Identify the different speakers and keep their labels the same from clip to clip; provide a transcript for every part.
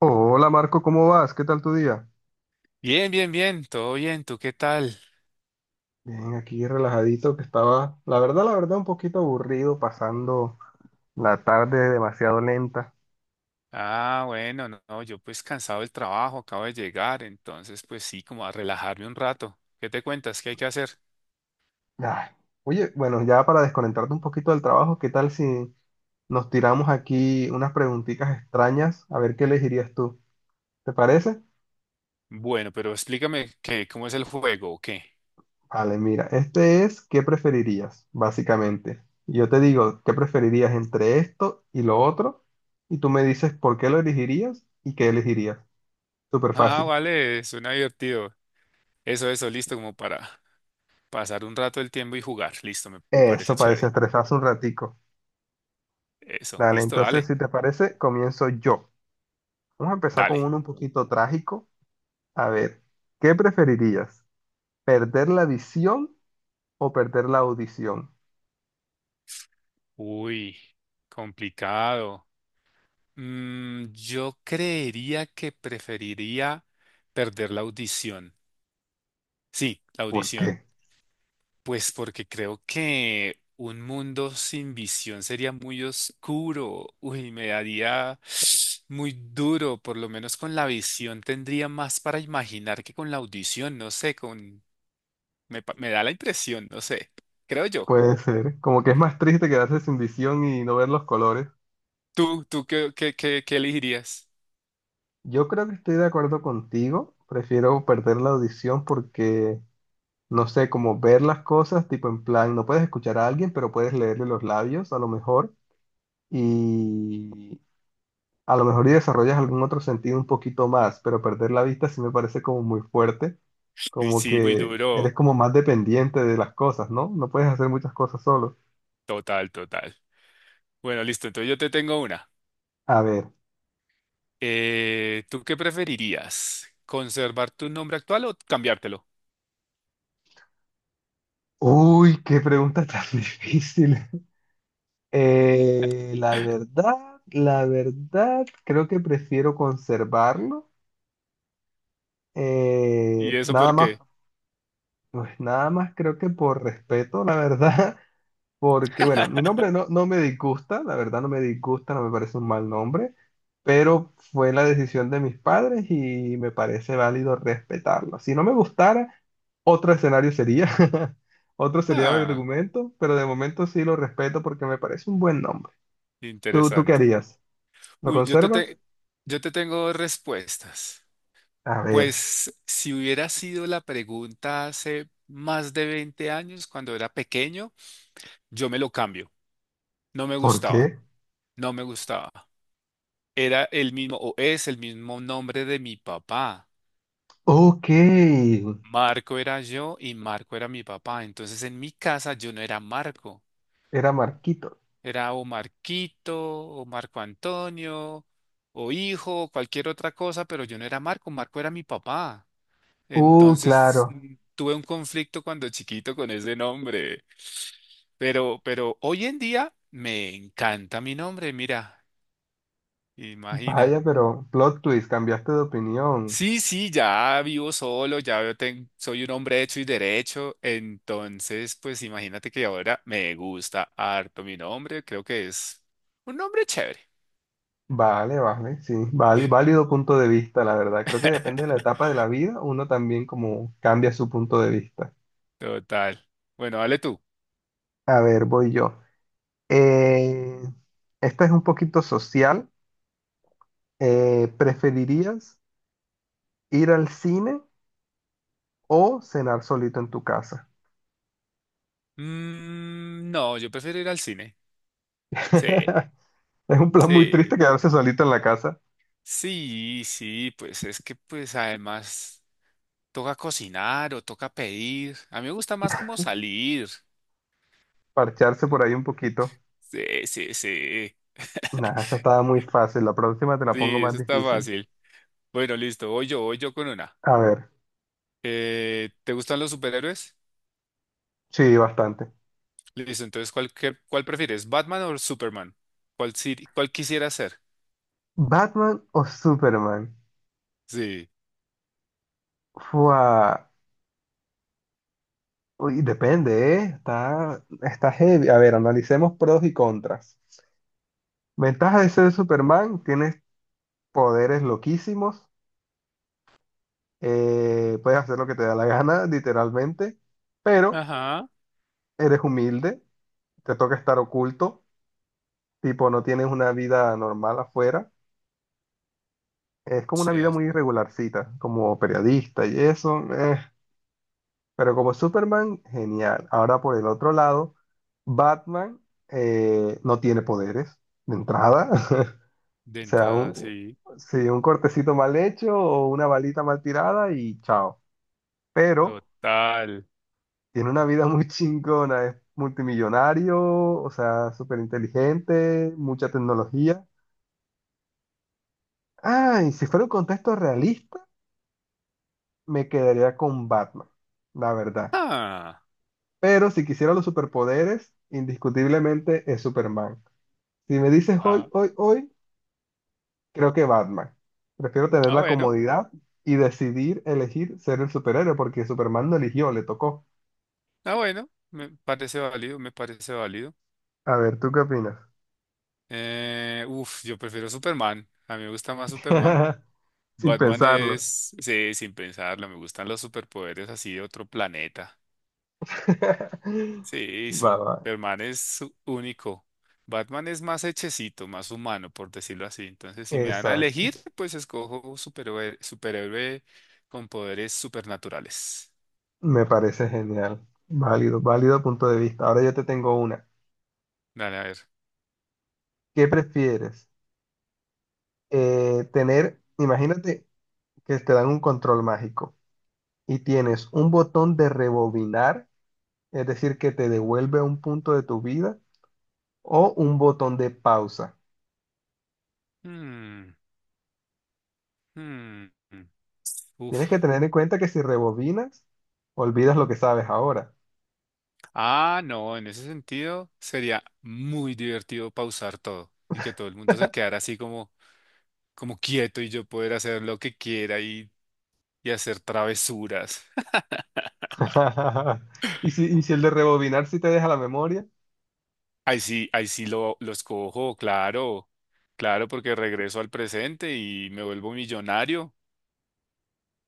Speaker 1: Hola Marco, ¿cómo vas? ¿Qué tal tu día?
Speaker 2: Bien, bien, bien, todo bien, ¿tú qué tal?
Speaker 1: Bien, aquí relajadito que estaba, la verdad, un poquito aburrido, pasando la tarde demasiado lenta.
Speaker 2: Ah, bueno, no, no, yo pues cansado del trabajo, acabo de llegar, entonces pues sí, como a relajarme un rato. ¿Qué te cuentas? ¿Qué hay que hacer?
Speaker 1: Ay. Oye, bueno, ya para desconectarte un poquito del trabajo, ¿qué tal si nos tiramos aquí unas preguntitas extrañas? A ver qué elegirías tú. ¿Te parece?
Speaker 2: Bueno, pero explícame qué, cómo es el juego o qué.
Speaker 1: Vale, mira, este es ¿qué preferirías? Básicamente. Yo te digo, ¿qué preferirías entre esto y lo otro? Y tú me dices por qué lo elegirías y qué elegirías. Súper
Speaker 2: Ah,
Speaker 1: fácil.
Speaker 2: vale, suena divertido. Eso, listo, como para pasar un rato el tiempo y jugar. Listo, me parece
Speaker 1: Eso, para
Speaker 2: chévere.
Speaker 1: desestresarse un ratico.
Speaker 2: Eso,
Speaker 1: Dale,
Speaker 2: listo,
Speaker 1: entonces,
Speaker 2: dale,
Speaker 1: si te parece, comienzo yo. Vamos a empezar con
Speaker 2: dale.
Speaker 1: uno un poquito trágico. A ver, ¿qué preferirías? ¿Perder la visión o perder la audición?
Speaker 2: Uy, complicado. Yo creería que preferiría perder la audición. Sí, la
Speaker 1: ¿Por
Speaker 2: audición.
Speaker 1: qué?
Speaker 2: Pues porque creo que un mundo sin visión sería muy oscuro. Uy, me daría muy duro. Por lo menos con la visión tendría más para imaginar que con la audición. No sé, me da la impresión, no sé. Creo yo.
Speaker 1: Puede ser. Como que es más triste quedarse sin visión y no ver los colores.
Speaker 2: ¿Tú, tú qué elegirías?
Speaker 1: Yo creo que estoy de acuerdo contigo. Prefiero perder la audición porque, no sé, como ver las cosas, tipo en plan, no puedes escuchar a alguien, pero puedes leerle los labios a lo mejor. Y A lo mejor y desarrollas algún otro sentido un poquito más, pero perder la vista sí me parece como muy fuerte,
Speaker 2: Y
Speaker 1: como
Speaker 2: sí, muy
Speaker 1: que eres
Speaker 2: duro.
Speaker 1: como más dependiente de las cosas, ¿no? No puedes hacer muchas cosas solo.
Speaker 2: Total, total. Bueno, listo. Entonces yo te tengo una.
Speaker 1: A ver.
Speaker 2: ¿Tú qué preferirías? ¿Conservar tu nombre actual o cambiártelo?
Speaker 1: Uy, qué pregunta tan difícil. Eh, la verdad, la verdad, creo que prefiero conservarlo.
Speaker 2: ¿Y eso
Speaker 1: Nada
Speaker 2: por
Speaker 1: más,
Speaker 2: qué?
Speaker 1: pues nada más creo que por respeto, la verdad. Porque, bueno, mi nombre no me disgusta, la verdad no me disgusta, no me parece un mal nombre, pero fue la decisión de mis padres y me parece válido respetarlo. Si no me gustara, otro escenario sería, otro sería el
Speaker 2: Ah,
Speaker 1: argumento, pero de momento sí lo respeto porque me parece un buen nombre. ¿Tú qué
Speaker 2: interesante.
Speaker 1: harías? ¿Lo
Speaker 2: Uy,
Speaker 1: conservas?
Speaker 2: yo te tengo respuestas.
Speaker 1: A ver,
Speaker 2: Pues si hubiera sido la pregunta hace más de 20 años, cuando era pequeño, yo me lo cambio. No me
Speaker 1: ¿por
Speaker 2: gustaba,
Speaker 1: qué?
Speaker 2: no me gustaba. Era el mismo, o es el mismo nombre de mi papá.
Speaker 1: Ok,
Speaker 2: Marco era yo y Marco era mi papá. Entonces en mi casa yo no era Marco,
Speaker 1: era Marquito.
Speaker 2: era o Marquito, o Marco Antonio, o hijo, o cualquier otra cosa, pero yo no era Marco, Marco era mi papá. Entonces
Speaker 1: Claro.
Speaker 2: tuve un conflicto cuando chiquito con ese nombre. Pero hoy en día me encanta mi nombre, mira, imagina.
Speaker 1: Vaya, pero plot twist, cambiaste de opinión.
Speaker 2: Sí, sí, ya vivo solo, soy un hombre hecho y derecho, entonces pues imagínate que ahora me gusta harto mi nombre, creo que es un nombre chévere.
Speaker 1: Vale, vale, sí, vale, válido punto de vista, la verdad. Creo que depende de la etapa de la vida, uno también como cambia su punto de vista.
Speaker 2: Total. Bueno, dale tú.
Speaker 1: A ver, voy yo. Eh, esta es un poquito social. ¿Preferirías ir al cine o cenar solito en tu casa?
Speaker 2: No, yo prefiero ir al cine. Sí,
Speaker 1: Es un plan muy triste
Speaker 2: sí,
Speaker 1: quedarse solito en la casa,
Speaker 2: sí, sí, pues es que pues además toca cocinar o toca pedir. A mí me gusta más como salir.
Speaker 1: parcharse por ahí un poquito.
Speaker 2: Sí, sí, sí.
Speaker 1: Nada, esa estaba muy fácil. La próxima te la pongo
Speaker 2: Sí,
Speaker 1: más
Speaker 2: eso está
Speaker 1: difícil.
Speaker 2: fácil. Bueno, listo, voy yo con una.
Speaker 1: A ver,
Speaker 2: ¿Te gustan los superhéroes?
Speaker 1: sí, bastante.
Speaker 2: Listo, entonces, ¿cuál prefieres? ¿Batman o Superman? ¿Cuál, si- ¿cuál quisieras ser?
Speaker 1: ¿Batman o Superman?
Speaker 2: Sí.
Speaker 1: Fua. Uy, depende, ¿eh? Está heavy. A ver, analicemos pros y contras. Ventaja de ser Superman, tienes poderes loquísimos, puedes hacer lo que te da la gana, literalmente, pero
Speaker 2: Ajá.
Speaker 1: eres humilde, te toca estar oculto, tipo, no tienes una vida normal afuera. Es como una vida muy
Speaker 2: Cierto.
Speaker 1: irregularcita, como periodista y eso. Pero como Superman, genial. Ahora por el otro lado, Batman no tiene poderes de entrada.
Speaker 2: De
Speaker 1: O sea,
Speaker 2: entrada,
Speaker 1: un,
Speaker 2: sí,
Speaker 1: sí, un cortecito mal hecho o una balita mal tirada y chao. Pero
Speaker 2: total.
Speaker 1: tiene una vida muy chingona, es multimillonario, o sea, súper inteligente, mucha tecnología. Ah, y si fuera un contexto realista, me quedaría con Batman, la verdad.
Speaker 2: Ah,
Speaker 1: Pero si quisiera los superpoderes, indiscutiblemente es Superman. Si me dices hoy,
Speaker 2: ah,
Speaker 1: hoy, hoy, creo que Batman. Prefiero tener
Speaker 2: ah,
Speaker 1: la
Speaker 2: bueno,
Speaker 1: comodidad y decidir elegir ser el superhéroe porque Superman no eligió, le tocó.
Speaker 2: ah, bueno, me parece válido, me parece válido.
Speaker 1: A ver, ¿tú qué opinas?
Speaker 2: Uf, yo prefiero Superman, a mí me gusta más Superman.
Speaker 1: Sin
Speaker 2: Batman
Speaker 1: pensarlo.
Speaker 2: es, sí, sin pensarlo, me gustan los superpoderes así de otro planeta. Sí,
Speaker 1: Va, va.
Speaker 2: Superman es único. Batman es más hechecito, más humano, por decirlo así. Entonces, si me dan a
Speaker 1: Exacto.
Speaker 2: elegir, pues escojo superhéroe, superhéroe con poderes supernaturales.
Speaker 1: Me parece genial. Válido, válido punto de vista. Ahora yo te tengo una.
Speaker 2: Dale, a ver.
Speaker 1: ¿Qué prefieres? Imagínate que te dan un control mágico y tienes un botón de rebobinar, es decir, que te devuelve a un punto de tu vida, o un botón de pausa.
Speaker 2: Hmm, mm, mm.
Speaker 1: Tienes que
Speaker 2: Uf.
Speaker 1: tener en cuenta que si rebobinas, olvidas lo que sabes ahora.
Speaker 2: Ah, no, en ese sentido sería muy divertido pausar todo y que todo el mundo se quedara así como, como quieto y yo poder hacer lo que quiera y hacer travesuras.
Speaker 1: Y si el de rebobinar sí te deja la memoria,
Speaker 2: Ahí sí lo escojo, claro, claro, porque regreso al presente y me vuelvo millonario.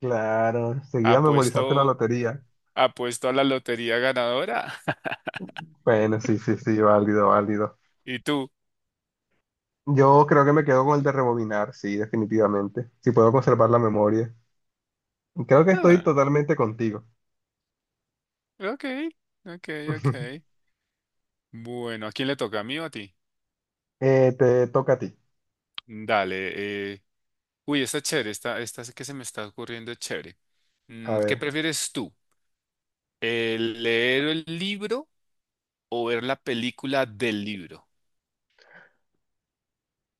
Speaker 1: claro, seguida memorizaste la
Speaker 2: Apuesto,
Speaker 1: lotería.
Speaker 2: apuesto a la lotería ganadora.
Speaker 1: Bueno, sí, sí, sí, válido, válido.
Speaker 2: ¿Y tú?
Speaker 1: Yo creo que me quedo con el de rebobinar, sí, definitivamente. Si puedo conservar la memoria. Creo que estoy
Speaker 2: Ah,
Speaker 1: totalmente contigo.
Speaker 2: ok, ok, ok. Bueno, ¿a quién le toca? ¿A mí o a ti?
Speaker 1: Te toca a ti.
Speaker 2: Dale. eh, Uy, está chévere. Esta sí que se me está ocurriendo es chévere.
Speaker 1: A
Speaker 2: ¿Qué
Speaker 1: ver.
Speaker 2: prefieres tú? ¿El leer el libro o ver la película del libro?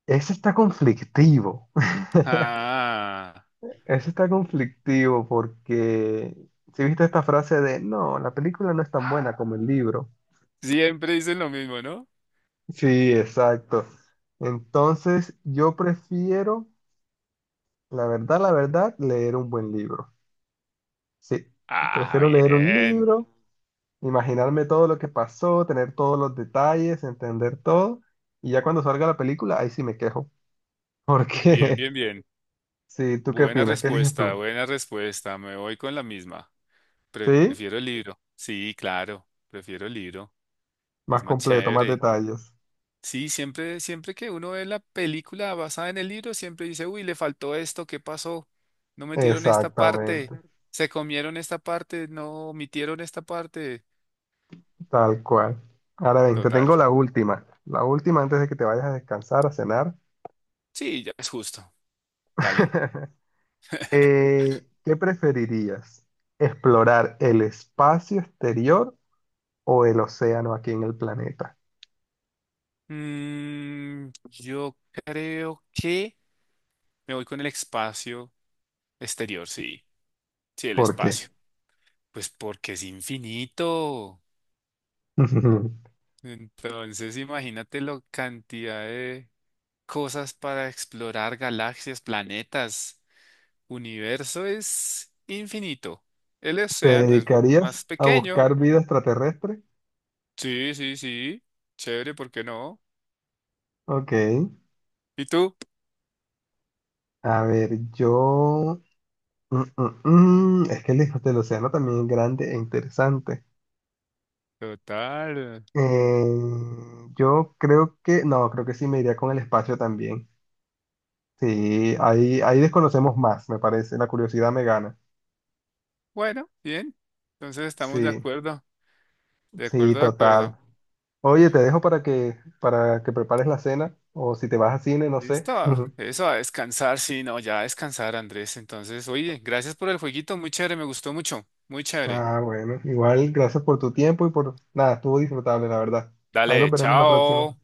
Speaker 1: Ese está conflictivo.
Speaker 2: Ah,
Speaker 1: Eso está conflictivo porque si viste esta frase de no, la película no es tan buena como el libro.
Speaker 2: siempre dicen lo mismo, ¿no?
Speaker 1: Sí, exacto. Entonces, yo prefiero, la verdad, leer un buen libro. Sí,
Speaker 2: Ah,
Speaker 1: prefiero leer un
Speaker 2: bien.
Speaker 1: libro, imaginarme todo lo que pasó, tener todos los detalles, entender todo, y ya cuando salga la película, ahí sí me quejo.
Speaker 2: Bien,
Speaker 1: Porque,
Speaker 2: bien, bien.
Speaker 1: sí, ¿tú qué
Speaker 2: Buena
Speaker 1: opinas? ¿Qué eliges
Speaker 2: respuesta,
Speaker 1: tú?
Speaker 2: buena respuesta. Me voy con la misma.
Speaker 1: Sí,
Speaker 2: Prefiero el libro. Sí, claro, prefiero el libro. Es
Speaker 1: más
Speaker 2: más
Speaker 1: completo, más
Speaker 2: chévere.
Speaker 1: detalles.
Speaker 2: Sí, siempre, siempre que uno ve la película basada en el libro, siempre dice, uy, le faltó esto, ¿qué pasó? No metieron esta parte,
Speaker 1: Exactamente.
Speaker 2: se comieron esta parte, no omitieron esta parte.
Speaker 1: Tal cual. Ahora bien, te
Speaker 2: Total.
Speaker 1: tengo la última. La última antes de que te vayas a descansar, a cenar.
Speaker 2: Sí, ya es justo. Dale.
Speaker 1: ¿Qué preferirías? ¿Explorar el espacio exterior o el océano aquí en el planeta?
Speaker 2: Yo creo que me voy con el espacio exterior, sí. Sí, el
Speaker 1: ¿Por qué?
Speaker 2: espacio. Pues porque es infinito. Entonces, imagínate la cantidad de cosas para explorar, galaxias, planetas. Universo es infinito. El
Speaker 1: ¿Te
Speaker 2: océano es
Speaker 1: dedicarías
Speaker 2: más
Speaker 1: a
Speaker 2: pequeño.
Speaker 1: buscar vida extraterrestre?
Speaker 2: Sí, sí, sí. Chévere, ¿por qué no?
Speaker 1: Ok.
Speaker 2: ¿Y tú?
Speaker 1: A ver, yo... Mm, mm, mm. Es que el hijo del océano también es grande e interesante.
Speaker 2: Total.
Speaker 1: Eh, yo creo que... No, creo que sí me iría con el espacio también. Sí, ahí desconocemos más, me parece. La curiosidad me gana.
Speaker 2: Bueno, bien. Entonces estamos de
Speaker 1: Sí,
Speaker 2: acuerdo. De
Speaker 1: sí,
Speaker 2: acuerdo, de
Speaker 1: total.
Speaker 2: acuerdo.
Speaker 1: Oye, te dejo para que prepares la cena o si te vas a cine, no sé.
Speaker 2: Listo. Eso, a descansar. Sí, no, ya a descansar, Andrés. Entonces, oye, gracias por el jueguito. Muy chévere, me gustó mucho. Muy chévere.
Speaker 1: Ah, bueno, igual gracias por tu tiempo y por nada, estuvo disfrutable, la verdad. Ahí nos
Speaker 2: Dale,
Speaker 1: veremos la próxima.
Speaker 2: chao.